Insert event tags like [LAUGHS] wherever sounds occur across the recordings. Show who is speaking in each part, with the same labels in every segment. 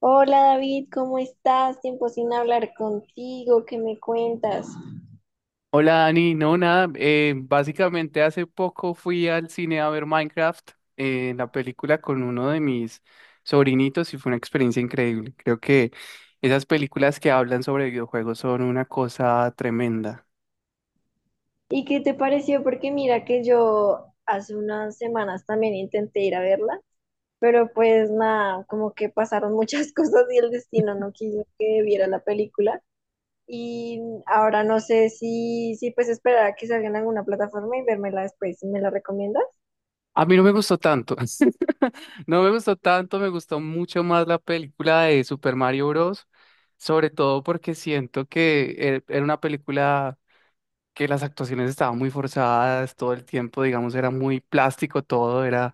Speaker 1: Hola David, ¿cómo estás? Tiempo sin hablar contigo, ¿qué me cuentas?
Speaker 2: Hola Dani, no nada, básicamente hace poco fui al cine a ver Minecraft, la película con uno de mis sobrinitos y fue una experiencia increíble. Creo que esas películas que hablan sobre videojuegos son una cosa tremenda.
Speaker 1: ¿Y qué te pareció? Porque mira que yo hace unas semanas también intenté ir a verla, pero pues nada, como que pasaron muchas [LAUGHS] cosas y el destino no quiso que viera la película. Y ahora no sé si pues esperar a que salga en alguna plataforma y vérmela después. Si ¿Me la recomiendas?
Speaker 2: A mí no me gustó tanto, [LAUGHS] no me gustó tanto, me gustó mucho más la película de Super Mario Bros., sobre todo porque siento que era una película que las actuaciones estaban muy forzadas todo el tiempo, digamos, era muy plástico todo, era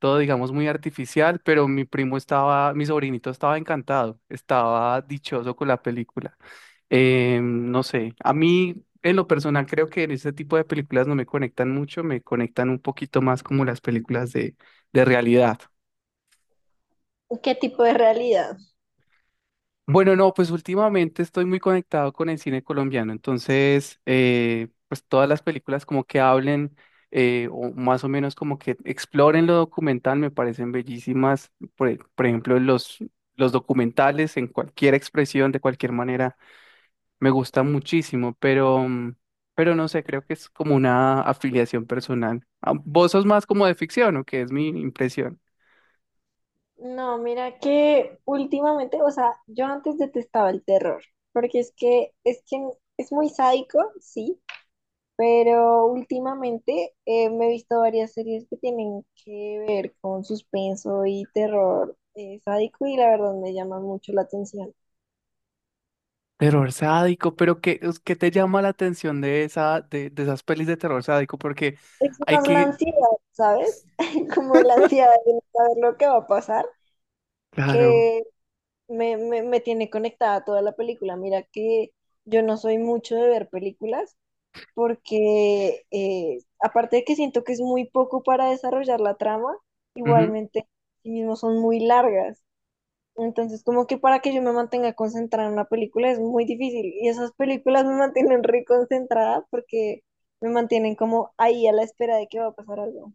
Speaker 2: todo, digamos, muy artificial, pero mi sobrinito estaba encantado, estaba dichoso con la película. No sé, a mí en lo personal creo que en ese tipo de películas no me conectan mucho, me conectan un poquito más como las películas de realidad.
Speaker 1: ¿Qué tipo de realidad?
Speaker 2: Bueno, no, pues últimamente estoy muy conectado con el cine colombiano, entonces, pues todas las películas como que hablen o más o menos como que exploren lo documental me parecen bellísimas. Por ejemplo, los documentales en cualquier expresión, de cualquier manera, me gustan muchísimo, pero, pero no sé, creo que es como una afiliación personal. Ah, ¿vos sos más como de ficción o qué es mi impresión?
Speaker 1: No, mira que últimamente, o sea, yo antes detestaba el terror, porque es que es muy sádico, sí, pero últimamente me he visto varias series que tienen que ver con suspenso y terror sádico y la verdad me llama mucho la atención.
Speaker 2: Terror sádico, pero ¿qué, qué te llama la atención de esa, de esas pelis de terror sádico? Porque
Speaker 1: Es
Speaker 2: hay
Speaker 1: más la
Speaker 2: que,
Speaker 1: ansiedad, ¿sabes? [LAUGHS] Como la ansiedad de no saber lo que va a pasar,
Speaker 2: claro.
Speaker 1: que me tiene conectada toda la película. Mira que yo no soy mucho de ver películas porque aparte de que siento que es muy poco para desarrollar la trama, igualmente sí mismo son muy largas. Entonces, como que para que yo me mantenga concentrada en una película es muy difícil. Y esas películas me mantienen re concentrada porque me mantienen como ahí a la espera de que va a pasar algo.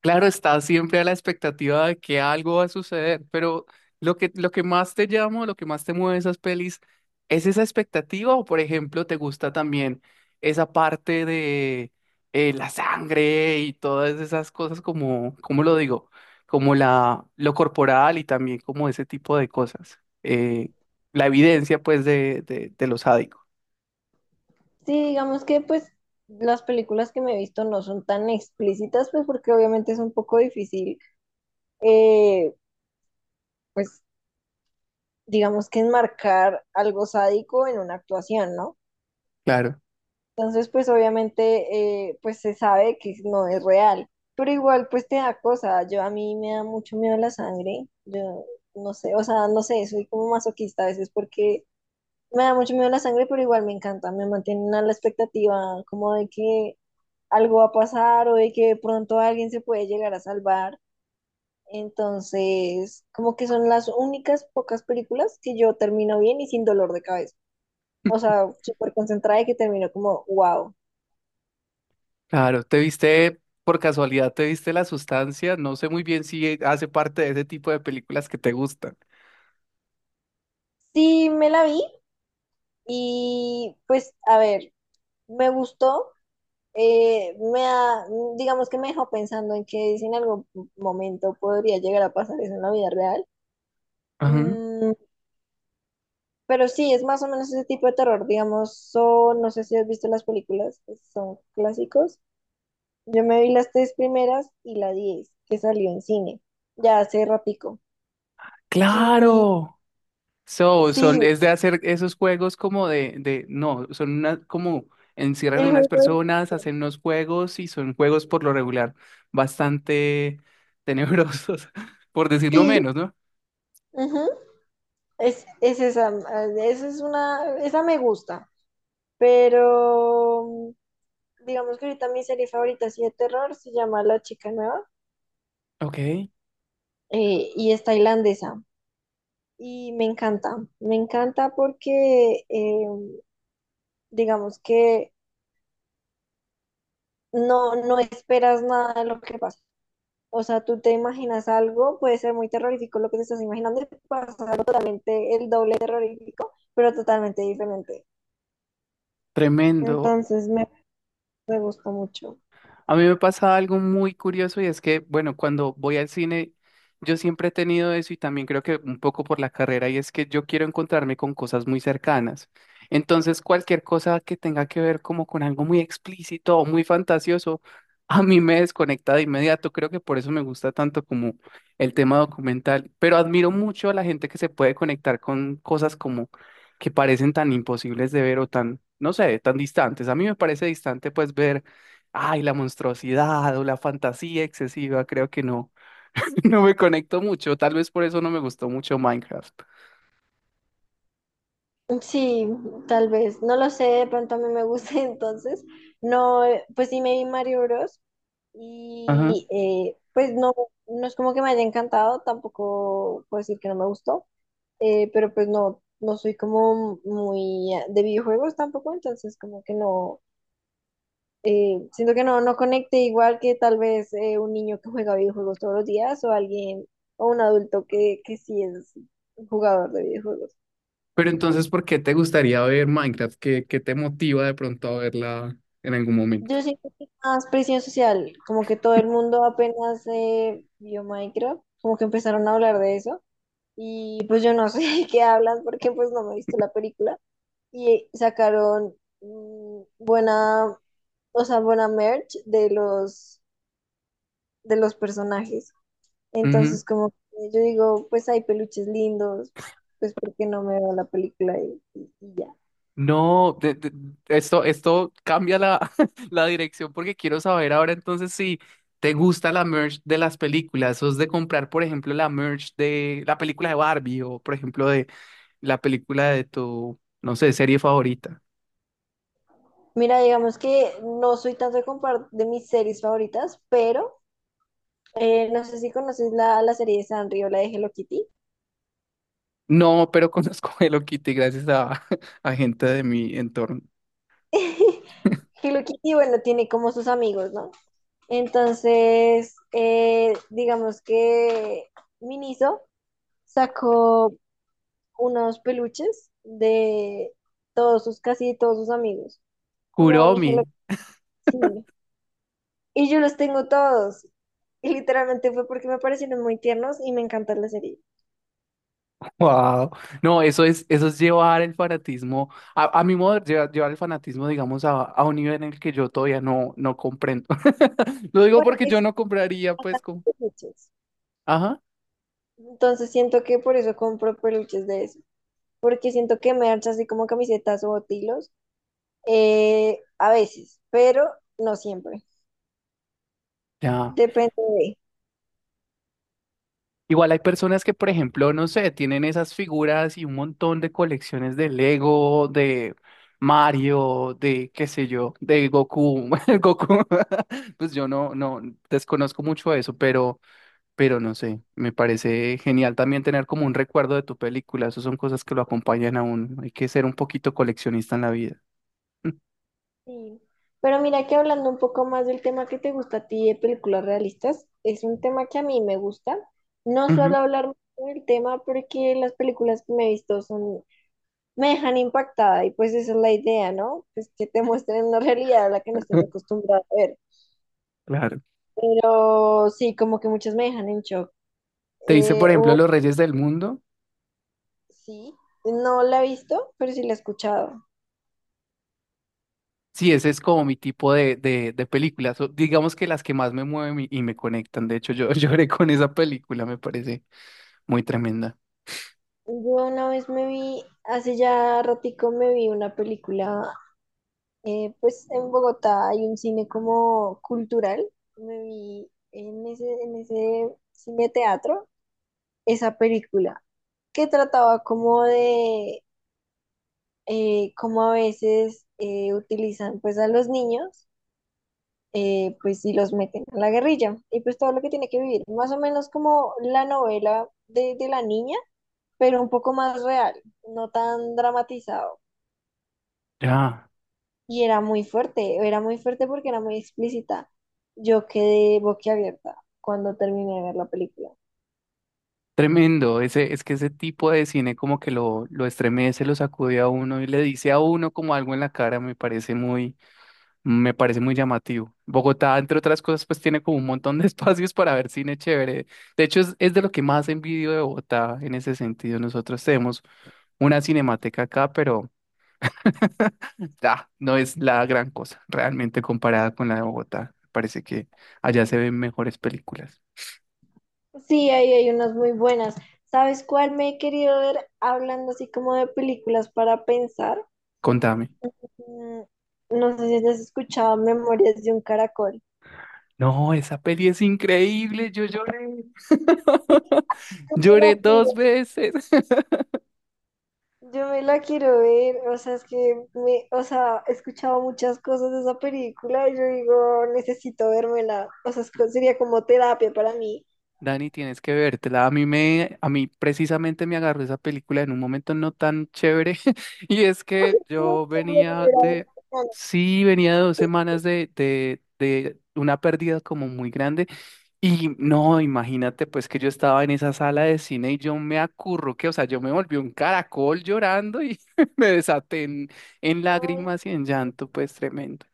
Speaker 2: Claro, estás siempre a la expectativa de que algo va a suceder, pero lo que más te llama, lo que más te mueve de esas pelis, ¿es esa expectativa o, por ejemplo, te gusta también esa parte de la sangre y todas esas cosas como, ¿cómo lo digo? Como la, lo corporal y también como ese tipo de cosas. La evidencia, pues, de lo sádico.
Speaker 1: Sí, digamos que pues las películas que me he visto no son tan explícitas, pues porque obviamente es un poco difícil, eh, pues digamos que enmarcar algo sádico en una actuación, ¿no?
Speaker 2: Claro.
Speaker 1: Entonces, pues obviamente, pues se sabe que no es real, pero igual, pues te da cosa. Yo a mí me da mucho miedo la sangre. Yo no sé, o sea, no sé, soy como masoquista a veces porque me da mucho miedo la sangre, pero igual me encanta. Me mantienen a la expectativa como de que algo va a pasar o de que de pronto alguien se puede llegar a salvar. Entonces, como que son las únicas pocas películas que yo termino bien y sin dolor de cabeza. O sea, súper concentrada y que termino como, wow.
Speaker 2: Claro, te viste, por casualidad, te viste La Sustancia. No sé muy bien si hace parte de ese tipo de películas que te gustan.
Speaker 1: Sí, me la vi. Y pues, a ver, me gustó, eh, me ha- digamos que me dejó pensando en que si en algún momento podría llegar a pasar eso en la vida real.
Speaker 2: Ajá.
Speaker 1: Mm, pero sí, es más o menos ese tipo de terror, digamos, son, no sé si has visto las películas, que son clásicos. Yo me vi las tres primeras y la diez, que salió en cine, ya hace ratico. Y
Speaker 2: Claro. So, son,
Speaker 1: sí,
Speaker 2: es de hacer esos juegos como no, son una, como encierran a
Speaker 1: el
Speaker 2: unas
Speaker 1: juego,
Speaker 2: personas, hacen unos juegos y son juegos por lo regular bastante tenebrosos, [LAUGHS] por decirlo
Speaker 1: sí,
Speaker 2: menos, ¿no?
Speaker 1: ujú. Es, es esa, esa es una, esa me gusta. Pero digamos que ahorita mi serie favorita así de terror se llama La Chica Nueva,
Speaker 2: Ok,
Speaker 1: y es tailandesa. Y me encanta porque digamos que no esperas nada de lo que pasa. O sea, tú te imaginas algo, puede ser muy terrorífico lo que te estás imaginando, y pasa algo totalmente el doble terrorífico, pero totalmente diferente.
Speaker 2: tremendo.
Speaker 1: Entonces me, me gusta mucho.
Speaker 2: A mí me pasa algo muy curioso y es que, bueno, cuando voy al cine, yo siempre he tenido eso y también creo que un poco por la carrera y es que yo quiero encontrarme con cosas muy cercanas. Entonces, cualquier cosa que tenga que ver como con algo muy explícito o muy fantasioso, [LAUGHS] a mí me desconecta de inmediato. Creo que por eso me gusta tanto como el tema documental, pero admiro mucho a la gente que se puede conectar con cosas como que parecen tan imposibles de ver o tan, no sé, tan distantes. A mí me parece distante pues ver ay, la monstruosidad o la fantasía excesiva, creo que no. [LAUGHS] No me conecto mucho, tal vez por eso no me gustó mucho Minecraft.
Speaker 1: Sí, tal vez, no lo sé, de pronto a mí me gusta [LAUGHS] entonces, no, pues sí me vi Mario Bros
Speaker 2: Ajá.
Speaker 1: y pues no, no es como que me haya encantado, tampoco puedo decir que no me gustó, pero pues no, no soy como muy de videojuegos tampoco, entonces como que no, siento que no conecte igual que tal vez un niño que juega videojuegos todos los días o alguien o un adulto que sí es jugador de videojuegos.
Speaker 2: Pero entonces, ¿por qué te gustaría ver Minecraft? ¿Qué, qué te motiva de pronto a verla en algún momento?
Speaker 1: Yo siento que más presión social, como que todo el mundo apenas vio Minecraft, como que empezaron a hablar de eso y pues yo no sé [LAUGHS] de qué hablan porque pues no me he visto la película y sacaron mm, buena, o sea, buena merch de los personajes.
Speaker 2: Ujú.
Speaker 1: Entonces como que yo digo, pues hay peluches lindos, pues porque no me veo la película y ya.
Speaker 2: No, de- Esto cambia la, [LAUGHS] la dirección porque quiero saber ahora entonces si te gusta la merch de las películas, sos de comprar, por ejemplo, la merch de la película de Barbie o, por ejemplo, de la película de tu, no sé, serie favorita.
Speaker 1: Mira, digamos que no soy tanto de de mis series favoritas, pero no sé si conoces la serie de Sanrio, la de Hello Kitty.
Speaker 2: No, pero [LAUGHS] conozco a Hello Kitty gracias a, [LAUGHS] a gente de mi entorno.
Speaker 1: [LAUGHS] Hello Kitty, bueno, tiene como sus amigos, ¿no? Entonces, digamos que Miniso sacó unos peluches de todos sus, casi todos sus amigos. Kuromi,
Speaker 2: Kuromi.
Speaker 1: Hello Kitty. Sí. Y yo los tengo todos. Y literalmente fue porque me parecieron muy tiernos y me encanta la serie.
Speaker 2: Wow. No, eso es llevar el fanatismo, a mi modo, llevar, llevar el fanatismo, digamos, a un nivel en el que yo todavía no, no comprendo. [LAUGHS] Lo digo
Speaker 1: Bueno,
Speaker 2: porque yo
Speaker 1: es
Speaker 2: no compraría, pues,
Speaker 1: bastante
Speaker 2: como.
Speaker 1: peluches.
Speaker 2: Ajá.
Speaker 1: Entonces siento que por eso compro peluches de eso, porque siento que merch, así como camisetas o botilos, a veces, pero no siempre.
Speaker 2: Ya.
Speaker 1: Depende de.
Speaker 2: Igual hay personas que, por ejemplo, no sé, tienen esas figuras y un montón de colecciones de Lego, de Mario, de qué sé yo, de Goku. [LAUGHS] El Goku, [LAUGHS] pues yo no, no desconozco mucho eso, pero no sé, me parece genial también tener como un recuerdo de tu película. Esas son cosas que lo acompañan a uno. Hay que ser un poquito coleccionista en la vida. [LAUGHS]
Speaker 1: Sí. Pero mira que hablando un poco más del tema que te gusta a ti de películas realistas, es un tema que a mí me gusta. No suelo
Speaker 2: Ujú,
Speaker 1: hablar mucho del tema porque las películas que me he visto son, me dejan impactada y pues esa es la idea, ¿no? Pues que te muestren una realidad a la que no estés
Speaker 2: [LAUGHS]
Speaker 1: acostumbrada a ver.
Speaker 2: claro.
Speaker 1: Pero sí, como que muchas me dejan en shock.
Speaker 2: Te dice, por
Speaker 1: Eh,
Speaker 2: ejemplo, Los Reyes del Mundo.
Speaker 1: Sí, no la he visto, pero sí la he escuchado.
Speaker 2: Sí, ese es como mi tipo de películas, o digamos que las que más me mueven y me conectan. De hecho, yo [LAUGHS] lloré con esa película, me parece muy tremenda.
Speaker 1: Yo una vez me vi, hace ya ratico me vi una película, pues en Bogotá hay un cine como cultural, me vi en en ese cine teatro esa película que trataba como de cómo a veces utilizan pues a los niños, pues si los meten a la guerrilla y pues todo lo que tiene que vivir, más o menos como la novela de la niña, pero un poco más real, no tan dramatizado.
Speaker 2: Ya,
Speaker 1: Y era muy fuerte porque era muy explícita. Yo quedé boquiabierta cuando terminé de ver la película.
Speaker 2: tremendo. Ese, es que ese tipo de cine como que lo estremece, lo sacude a uno y le dice a uno como algo en la cara, me parece muy llamativo. Bogotá, entre otras cosas, pues tiene como un montón de [LAUGHS] espacios para ver cine chévere. De hecho, es de lo que más envidio de Bogotá en ese sentido. Nosotros tenemos una cinemateca acá, pero ah, no es la gran cosa, realmente comparada con la de Bogotá. Parece que allá se ven mejores películas.
Speaker 1: Sí, ahí hay unas muy buenas. ¿Sabes cuál me he querido ver hablando así como de películas para pensar?
Speaker 2: Contame.
Speaker 1: Mm, No sé si has escuchado Memorias de un Caracol.
Speaker 2: No, esa peli es increíble, yo lloré. [LAUGHS]
Speaker 1: Yo me la
Speaker 2: Lloré dos
Speaker 1: quiero
Speaker 2: veces. [LAUGHS]
Speaker 1: Yo me la quiero ver, o sea, es que me, o sea, he escuchado muchas cosas de esa película y yo digo, necesito vérmela, o sea, es sería como terapia para mí.
Speaker 2: Dani, tienes que vértela. A mí me, a mí precisamente me agarró esa película en un momento no tan chévere. [LAUGHS] Y es que
Speaker 1: No,
Speaker 2: yo
Speaker 1: no me la
Speaker 2: venía
Speaker 1: verá en
Speaker 2: de,
Speaker 1: semana.
Speaker 2: sí, venía de dos semanas de una pérdida como muy grande. Y no, imagínate pues que yo estaba en esa sala de cine y yo me acurruqué, o sea, yo me volví un caracol llorando y [LAUGHS] me desaté en lágrimas y en llanto, pues tremendo.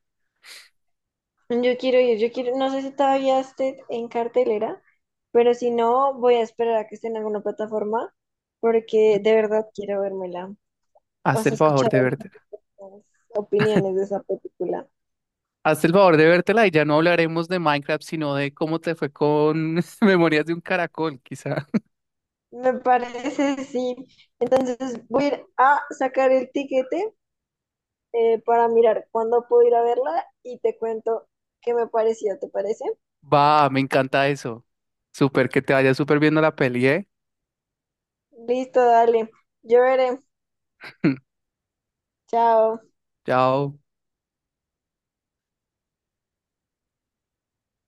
Speaker 1: Ay, yo quiero ir, yo quiero, no sé si todavía esté en cartelera, pero si no, voy a esperar a que esté en alguna plataforma, porque de verdad quiero vérmela. O
Speaker 2: Hazte
Speaker 1: sea,
Speaker 2: el
Speaker 1: he
Speaker 2: favor
Speaker 1: escuchado
Speaker 2: de verte.
Speaker 1: muchas opiniones de esa película.
Speaker 2: Hazte el favor de vértela y ya no hablaremos de Minecraft, sino de cómo te fue con [LAUGHS] Memorias de un Caracol, quizá.
Speaker 1: Me parece, sí. Entonces voy a ir a sacar el tiquete para mirar cuándo puedo ir a verla y te cuento qué me pareció, ¿te parece?
Speaker 2: Va, me encanta eso. Súper, que te vaya súper viendo la peli, ¿eh?
Speaker 1: Listo, dale. Yo veré.
Speaker 2: [LAUGHS]
Speaker 1: Chao.
Speaker 2: Chao.